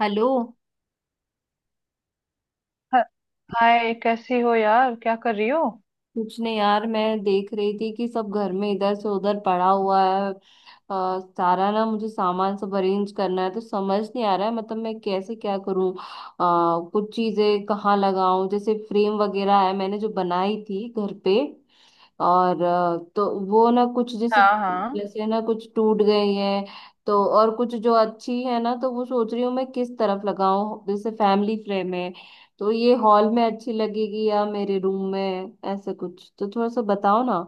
Hello. Hi, कैसी हो यार? क्या कर रही हो? कुछ नहीं यार, मैं देख रही थी कि सब घर में इधर से उधर पड़ा हुआ है। सारा ना मुझे सामान सब अरेंज करना है, तो समझ नहीं आ रहा है मतलब मैं कैसे क्या करूं। कुछ चीजें कहाँ लगाऊं, जैसे फ्रेम वगैरह है मैंने जो बनाई थी घर पे। और तो वो ना कुछ जैसे हाँ हाँ। जैसे ना कुछ टूट गई है। तो और कुछ जो अच्छी है ना, तो वो सोच रही हूँ मैं किस तरफ लगाऊं। जैसे फैमिली फ्रेम है तो ये हॉल में अच्छी लगेगी या मेरे रूम में, ऐसे कुछ तो थोड़ा सा बताओ ना।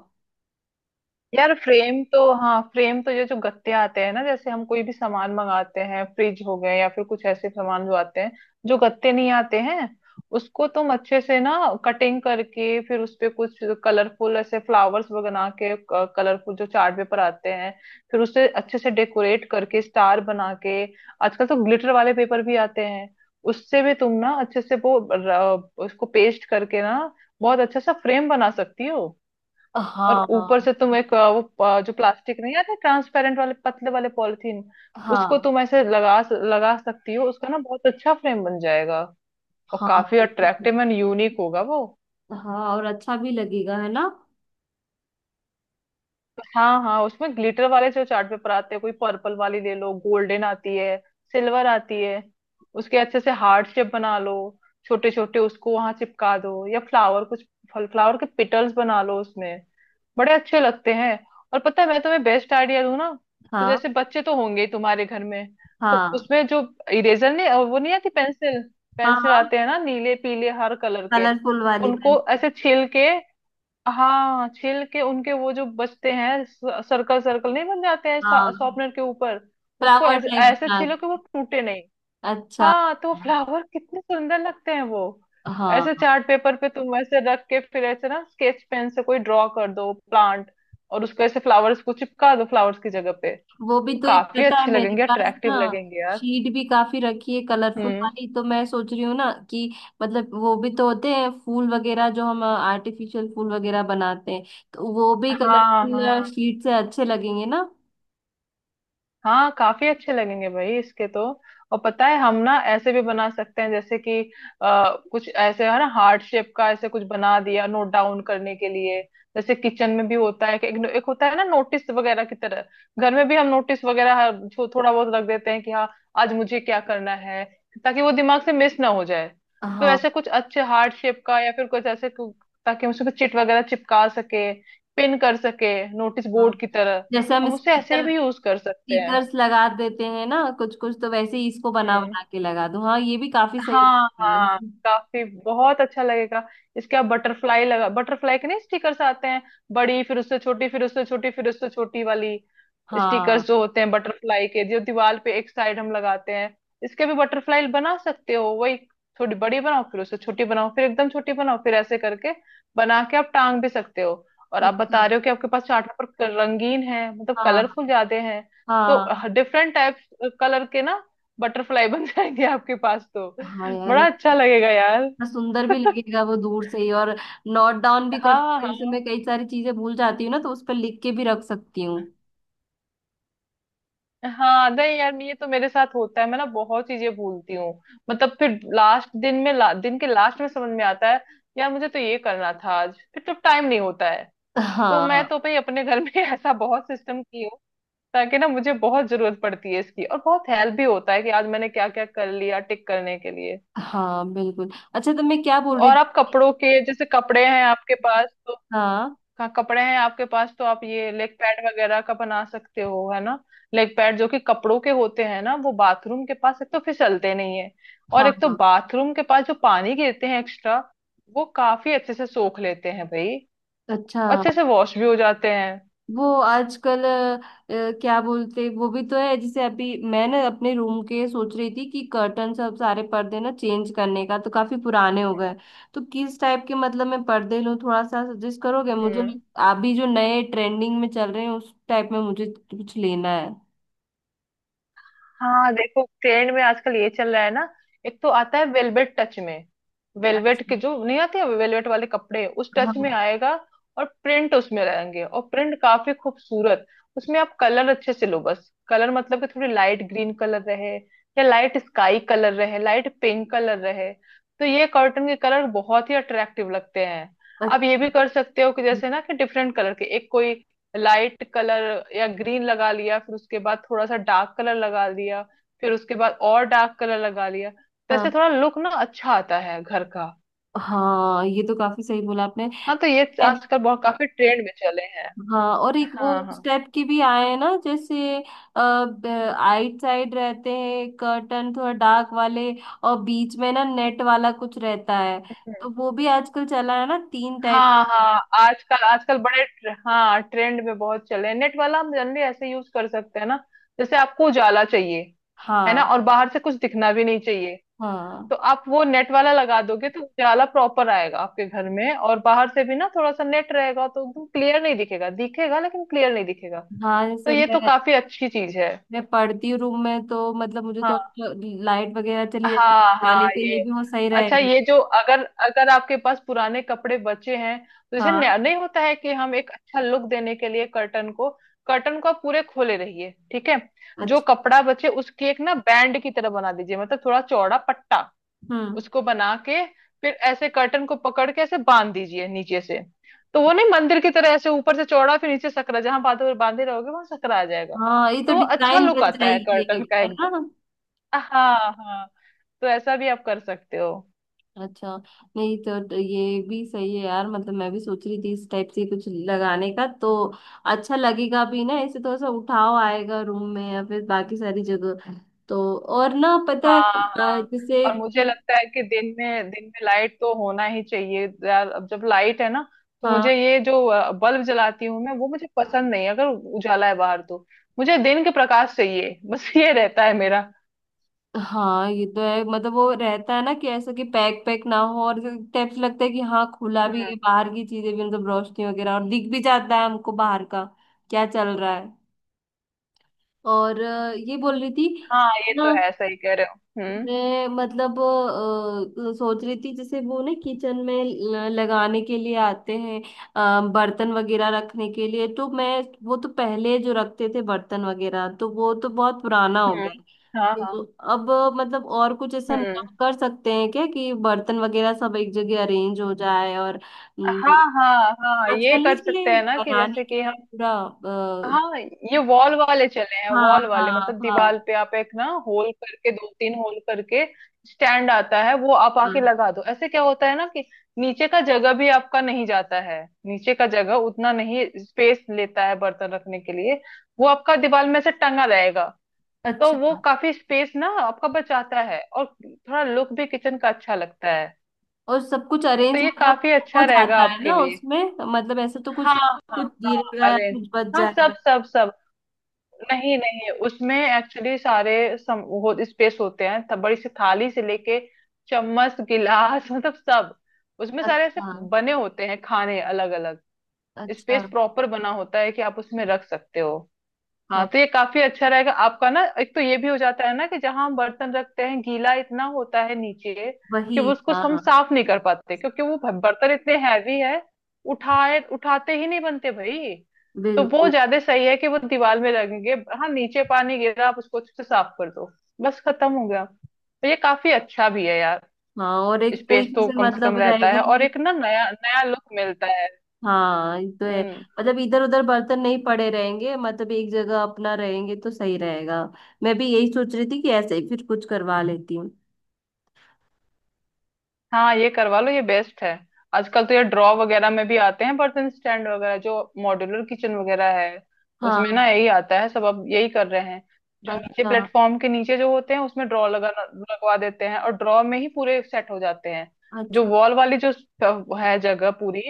यार फ्रेम तो, हाँ फ्रेम तो ये जो गत्ते आते हैं ना, जैसे हम कोई भी सामान मंगाते हैं, फ्रिज हो गए या फिर कुछ ऐसे सामान जो आते हैं। जो गत्ते नहीं आते हैं, उसको तुम अच्छे से ना कटिंग करके फिर उस पे कुछ कलरफुल ऐसे फ्लावर्स बना के, कलरफुल जो चार्ट पेपर आते हैं फिर उसे अच्छे से डेकोरेट करके स्टार बना के। आजकल तो ग्लिटर वाले पेपर भी आते हैं, उससे भी तुम ना अच्छे से वो उसको पेस्ट करके ना बहुत अच्छा सा फ्रेम बना सकती हो। और हाँ ऊपर हाँ। से तुम एक वो जो प्लास्टिक नहीं आते ट्रांसपेरेंट वाले पतले वाले पॉलिथीन, उसको हाँ तुम ऐसे लगा लगा सकती हो, उसका ना बहुत अच्छा फ्रेम बन जाएगा। और हाँ। काफी अट्रैक्टिव एंड यूनिक होगा वो। हाँ और अच्छा भी लगेगा है ना। हाँ हाँ, उसमें ग्लिटर वाले जो चार्ट पेपर आते हैं, कोई पर्पल वाली ले लो, गोल्डन आती है, सिल्वर आती है। उसके अच्छे से हार्ट शेप बना लो, छोटे छोटे, उसको वहां चिपका दो या फ्लावर कुछ, फ्लावर के पिटल्स बना लो उसमें, बड़े अच्छे लगते हैं। और पता है मैं तुम्हें बेस्ट आइडिया दूं ना? तो हाँ। जैसे बच्चे तो होंगे ही तुम्हारे घर में, तो हाँ। उसमें जो इरेजर, नहीं, और वो नहीं आती पेंसिल, हाँ। पेंसिल हाँ, आते हैं ना नीले पीले हर कलर के, कलरफुल वाली उनको पेंसिल। ऐसे छील के, हाँ छील के उनके वो जो बचते हैं, सर्कल सर्कल नहीं बन जाते हैं हाँ, शॉर्पनर के ऊपर, उसको फ्लावर ऐसे टाइप ऐसे बना छीलो कि वो के। टूटे नहीं। अच्छा। हाँ तो फ्लावर कितने सुंदर लगते हैं वो, हाँ। ऐसे चार्ट पेपर पे तुम ऐसे रख के फिर ऐसे ना स्केच पेन से कोई ड्रॉ कर दो प्लांट, और उसको ऐसे फ्लावर्स को चिपका दो फ्लावर्स की जगह पे। तो वो भी तो एक, काफी पता है अच्छे मेरे लगेंगे, पास ना अट्रैक्टिव लगेंगे यार। शीट भी काफी रखी है कलरफुल हम्म। वाली, तो मैं सोच रही हूँ ना कि मतलब वो भी तो होते हैं फूल वगैरह जो हम आर्टिफिशियल फूल वगैरह बनाते हैं, तो वो भी हाँ कलरफुल हाँ शीट से अच्छे लगेंगे ना। हाँ, काफी अच्छे लगेंगे भाई इसके तो। और पता है, हम ना ऐसे भी बना सकते हैं जैसे कि कुछ ऐसे है ना हार्ट शेप का, ऐसे कुछ बना दिया नोट डाउन करने के लिए। जैसे किचन में भी होता है कि एक होता है ना नोटिस वगैरह की तरह, घर में भी हम नोटिस वगैरह थोड़ा बहुत रख देते हैं कि हाँ आज मुझे क्या करना है, ताकि वो दिमाग से मिस ना हो जाए। तो हाँ। ऐसे कुछ अच्छे हार्ट शेप का या फिर ताकि हम उसको चिट वगैरह चिपका सके, पिन कर सके नोटिस बोर्ड हाँ, की तरह। जैसे हम हम उसे ऐसे स्टिकर, भी यूज कर सकते हैं। स्टिकर्स लगा देते हैं ना कुछ कुछ, तो वैसे ही इसको बना हाँ बना के लगा दूं। हाँ, ये भी काफी सही हाँ हाँ, लगेगा। काफी बहुत अच्छा लगेगा। इसके आप बटरफ्लाई लगा बटरफ्लाई के नहीं स्टिकर्स आते हैं, बड़ी फिर उससे छोटी फिर उससे छोटी फिर उससे छोटी वाली, हाँ, स्टिकर्स जो होते हैं बटरफ्लाई के, जो दीवार पे एक साइड हम लगाते हैं, इसके भी बटरफ्लाई बना सकते हो वही। थोड़ी बड़ी बनाओ फिर उससे छोटी बनाओ फिर एकदम छोटी बनाओ फिर ऐसे करके बना के आप टांग भी सकते हो। और ये आप तो बता काफी-। रहे हो कि आपके पास चार्ट पेपर रंगीन है, मतलब हाँ। कलरफुल ज्यादा है, तो हाँ। डिफरेंट टाइप्स कलर के ना बटरफ्लाई बन जाएंगे आपके पास तो। हाँ यार, बड़ा अच्छा लगेगा यार। इतना सुंदर भी लगेगा वो दूर से ही। और नोट डाउन भी कर हाँ सकते हैं। जैसे हाँ मैं कई सारी चीजें भूल जाती हूँ ना, तो उस पर लिख के भी रख सकती हूँ। हाँ, नहीं यार ये तो मेरे साथ होता है, मैं ना बहुत चीजें भूलती हूँ। मतलब फिर लास्ट दिन में दिन के लास्ट में समझ में आता है यार मुझे तो ये करना था आज, फिर तो टाइम नहीं होता है। तो मैं हाँ। तो भाई अपने घर में ऐसा बहुत सिस्टम की हूँ, ताकि ना, मुझे बहुत जरूरत पड़ती है इसकी और बहुत हेल्प भी होता है कि आज मैंने क्या क्या कर लिया टिक करने के लिए। हाँ बिल्कुल। अच्छा, तो मैं क्या बोल रही और आप थी। कपड़ों के, जैसे कपड़े हैं आपके पास तो, हाँ। का कपड़े हैं आपके पास तो आप ये लेग पैड वगैरह का बना सकते हो है ना। लेग पैड जो कि कपड़ों के होते हैं ना, वो बाथरूम के पास एक तो फिसलते नहीं है, और हाँ। एक तो हाँ। बाथरूम के पास जो पानी गिरते हैं एक्स्ट्रा, वो काफी अच्छे से सोख लेते हैं भाई। अच्छा, अच्छे से वॉश भी हो जाते हैं। वो आजकल क्या बोलते वो भी तो है, जैसे अभी मैं ना अपने रूम के सोच रही थी कि कर्टन सब सारे पर्दे ना चेंज करने का, तो काफी पुराने हो गए। तो किस टाइप के मतलब मैं पर्दे लूँ, थोड़ा सा सजेस्ट करोगे मुझे। हम्म। अभी जो नए ट्रेंडिंग में चल रहे हैं, उस टाइप में मुझे कुछ लेना है। हाँ देखो, ट्रेंड में आजकल ये चल रहा है ना, एक तो आता है वेलवेट टच में, वेलवेट अच्छा। के जो नहीं आते वेलवेट वाले कपड़े, उस टच में हाँ। आएगा। और प्रिंट उसमें रहेंगे, और प्रिंट काफी खूबसूरत। उसमें आप कलर अच्छे से लो, बस कलर मतलब कि थोड़ी लाइट ग्रीन कलर रहे, या लाइट स्काई कलर रहे, लाइट पिंक कलर रहे, तो ये कॉटन के कलर बहुत ही अट्रैक्टिव लगते हैं। अच्छा। आप ये भी कर सकते हो कि जैसे ना कि डिफरेंट कलर के, एक कोई लाइट कलर या ग्रीन लगा लिया, फिर उसके बाद थोड़ा सा डार्क कलर लगा लिया, फिर उसके बाद और डार्क कलर लगा लिया, तो हाँ, ऐसे थोड़ा लुक ना अच्छा आता है घर का। हाँ ये तो काफी सही बोला आपने। हाँ तो ये आजकल बहुत काफी ट्रेंड में चले हैं। हाँ, और एक वो हाँ हाँ। उस टाइप के भी आए हैं ना जैसे आइट साइड रहते हैं कर्टन थोड़ा डार्क वाले, और बीच में ना नेट वाला कुछ रहता है। हम्म। तो वो भी आजकल चला है ना, तीन टाइप। हाँ हाँ, आजकल आजकल हाँ ट्रेंड में बहुत चले हैं। नेट वाला हम जनरली ऐसे यूज कर सकते हैं ना, जैसे आपको उजाला चाहिए है ना, हाँ। और बाहर से कुछ दिखना भी नहीं चाहिए, तो हाँ। आप वो नेट वाला लगा दोगे तो उजाला प्रॉपर आएगा आपके घर में, और बाहर से भी ना थोड़ा सा नेट रहेगा तो एकदम क्लियर नहीं दिखेगा, दिखेगा लेकिन क्लियर नहीं दिखेगा। हाँ, तो जैसे ये तो मैं काफी अच्छी चीज है। मैं पढ़ती हूँ रूम में, तो मतलब मुझे तो हाँ अच्छा लाइट वगैरह चली जाती हाँ है, जाने हाँ के लिए ये, भी वो सही अच्छा, रहेगा। ये जो अगर अगर आपके पास पुराने कपड़े बचे हैं, तो जैसे हाँ। नहीं होता है कि हम एक अच्छा लुक देने के लिए कर्टन को आप पूरे खोले रहिए ठीक है, जो अच्छा। कपड़ा बचे उसकी एक ना बैंड की तरह बना दीजिए, मतलब थोड़ा चौड़ा पट्टा, हम्म। उसको बना के फिर ऐसे कर्टन को पकड़ के ऐसे बांध दीजिए नीचे से। तो वो नहीं मंदिर की तरह ऐसे ऊपर से चौड़ा फिर नीचे सकरा, जहां बांधे बांधे रहोगे वहां सकरा आ जाएगा। हाँ, ये तो तो वो अच्छा डिजाइन लुक बन आता है जाएगी कर्टन एक, का है एकदम। ना। हाँ हाँ, तो ऐसा भी आप कर सकते हो। अच्छा। नहीं तो, तो ये भी सही है यार, मतलब मैं भी सोच रही थी इस टाइप से कुछ लगाने का, तो अच्छा लगेगा भी ना, ऐसे थोड़ा सा उठाव आएगा रूम में या फिर बाकी सारी जगह। तो और ना पता है, हाँ हाँ। जैसे और मुझे कि लगता है कि दिन में लाइट तो होना ही चाहिए यार, अब जब लाइट है ना, तो हाँ। मुझे ये जो बल्ब जलाती हूँ मैं, वो मुझे पसंद नहीं है, अगर उजाला है बाहर तो। मुझे दिन के प्रकाश चाहिए, बस ये रहता है मेरा। हाँ ये तो है, मतलब वो रहता है ना कि ऐसा कि पैक पैक ना हो, और टाइप से लगता है कि हाँ, खुला भी हम्म। है, बाहर की चीजें भी मतलब रोशनी वगैरह, और दिख भी जाता है हमको बाहर का क्या चल रहा है। और ये बोल रही थी हाँ ये ना, तो है, सही कह रहे हो। हम्म। मैं मतलब सोच रही थी जैसे वो ना किचन में लगाने के लिए आते हैं बर्तन वगैरह रखने के लिए, तो मैं वो तो पहले जो रखते थे बर्तन वगैरह, तो वो तो बहुत पुराना हो हम्म। गया। हाँ हाँ। तो अब मतलब और कुछ ऐसा नया हम्म। कर सकते हैं क्या कि बर्तन वगैरह सब एक जगह अरेंज हो जाए। और हाँ हाँ हाँ, आजकल ये नहीं कर सकते इसलिए हैं ना कि बनाने जैसे के कि हम, लिए पूरा हाँ ये वॉल वाले चले हैं। हाँ। वॉल वाले हाँ। मतलब हाँ। दीवार पे आप एक ना होल करके, दो तीन होल करके स्टैंड आता है वो, आप हाँ। आके लगा दो, ऐसे क्या होता है ना कि नीचे का जगह भी आपका नहीं जाता है, नीचे का जगह उतना नहीं स्पेस लेता है बर्तन रखने के लिए, वो आपका दीवार में से टंगा रहेगा। तो अच्छा, वो काफी स्पेस ना आपका बचाता है, और थोड़ा लुक भी किचन का अच्छा लगता है। और सब कुछ तो अरेंज ये मतलब काफी हो अच्छा रहेगा जाता है आपके ना लिए। उसमें, मतलब ऐसे तो कुछ हाँ हाँ। कुछ हाँ गिरेगा या अरे, कुछ बच हाँ सब जाएगा। सब सब, नहीं नहीं, उसमें एक्चुअली सारे वो स्पेस होते हैं, तब बड़ी सी थाली से लेके चम्मच गिलास मतलब सब, उसमें सारे ऐसे अच्छा। बने होते हैं, खाने अलग अलग, अच्छा। स्पेस प्रॉपर बना होता है कि आप उसमें रख सकते हो। हाँ हाँ तो ये काफी अच्छा रहेगा आपका ना, एक तो ये भी हो जाता है ना कि जहां हम बर्तन रखते हैं गीला इतना होता है नीचे, वही। कि वो उसको हम हाँ साफ नहीं कर पाते क्योंकि वो बर्तन इतने हैवी है, उठाए उठाते ही नहीं बनते भाई। तो वो बिल्कुल। ज्यादा सही है कि वो दीवार में लगेंगे। हाँ नीचे पानी गिरा आप उसको अच्छे से साफ कर दो, बस खत्म हो गया। तो ये काफी अच्छा भी है यार। हाँ, और एक स्पेस तरीके तो से कम से कम मतलब रहता रहेगा है, और कि एक ना नया नया लुक मिलता है। हाँ, ये तो है। हम्म। मतलब इधर उधर बर्तन नहीं पड़े रहेंगे, मतलब एक जगह अपना रहेंगे, तो सही रहेगा। मैं भी यही सोच रही थी कि ऐसे ही फिर कुछ करवा लेती हूँ। हाँ ये करवा लो, ये बेस्ट है। आजकल तो ये ड्रॉ वगैरह में भी आते हैं बर्तन स्टैंड वगैरह, जो मॉड्यूलर किचन वगैरह है, उसमें हाँ। ना यही आता है सब, अब यही कर रहे हैं। जो नीचे अच्छा। प्लेटफॉर्म के नीचे जो होते हैं उसमें ड्रॉ लगा लगवा देते हैं, और ड्रॉ में ही पूरे सेट हो जाते हैं। जो अच्छा। वॉल वाली जो है जगह पूरी,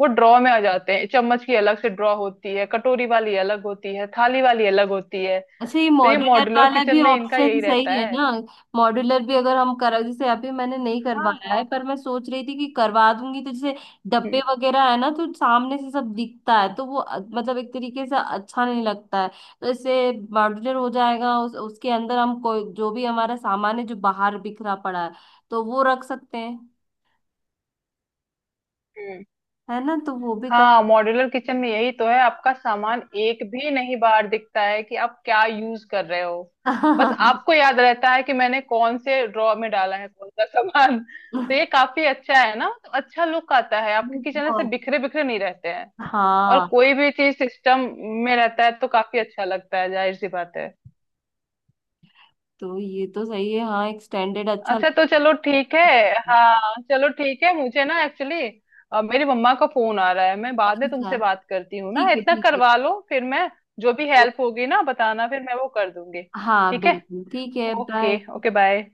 वो ड्रॉ में आ जाते हैं। चम्मच की अलग से ड्रॉ होती है, कटोरी वाली अलग होती है, थाली वाली अलग होती है। अच्छा, ये तो ये मॉड्यूलर मॉड्यूलर वाला किचन भी में इनका ऑप्शन यही रहता सही है है। ना। मॉड्यूलर भी अगर हम करा, जैसे अभी मैंने नहीं हाँ करवाया हाँ है पर हाँ। मैं सोच रही थी कि करवा दूंगी, तो जैसे डब्बे वगैरह है ना, तो सामने से सब दिखता है, तो वो मतलब एक तरीके से अच्छा नहीं लगता है। तो इससे मॉड्यूलर हो जाएगा, उस, उसके अंदर हम कोई जो भी हमारा सामान है जो बाहर बिखरा पड़ा है, तो वो रख सकते हैं, हम्म। है ना, तो वो भी कर हाँ मॉड्यूलर किचन में यही तो है, आपका सामान एक भी नहीं बाहर दिखता है कि आप क्या यूज कर रहे हो। बस आपको याद रहता है कि मैंने कौन से ड्रॉ में डाला है कौन सा सामान। तो ये काफी अच्छा है ना, तो अच्छा लुक आता है आपके किचन, ऐसे बहुत। बिखरे बिखरे नहीं रहते हैं। और हाँ, कोई भी चीज सिस्टम में रहता है तो काफी अच्छा लगता है, जाहिर सी बात है। तो ये तो सही है। हाँ, एक स्टैंडर्ड अच्छा अच्छा लगता तो चलो ठीक है। हाँ चलो ठीक है, मुझे ना एक्चुअली मेरी मम्मा का फोन आ रहा है, मैं बाद में है। तुमसे बात करती हूँ ना, ठीक है, इतना ठीक है। करवा लो फिर मैं, जो भी तो हेल्प होगी ना बताना, फिर मैं वो कर दूंगी। हाँ ठीक है, बिल्कुल, ठीक है, ओके बाय। Okay bye.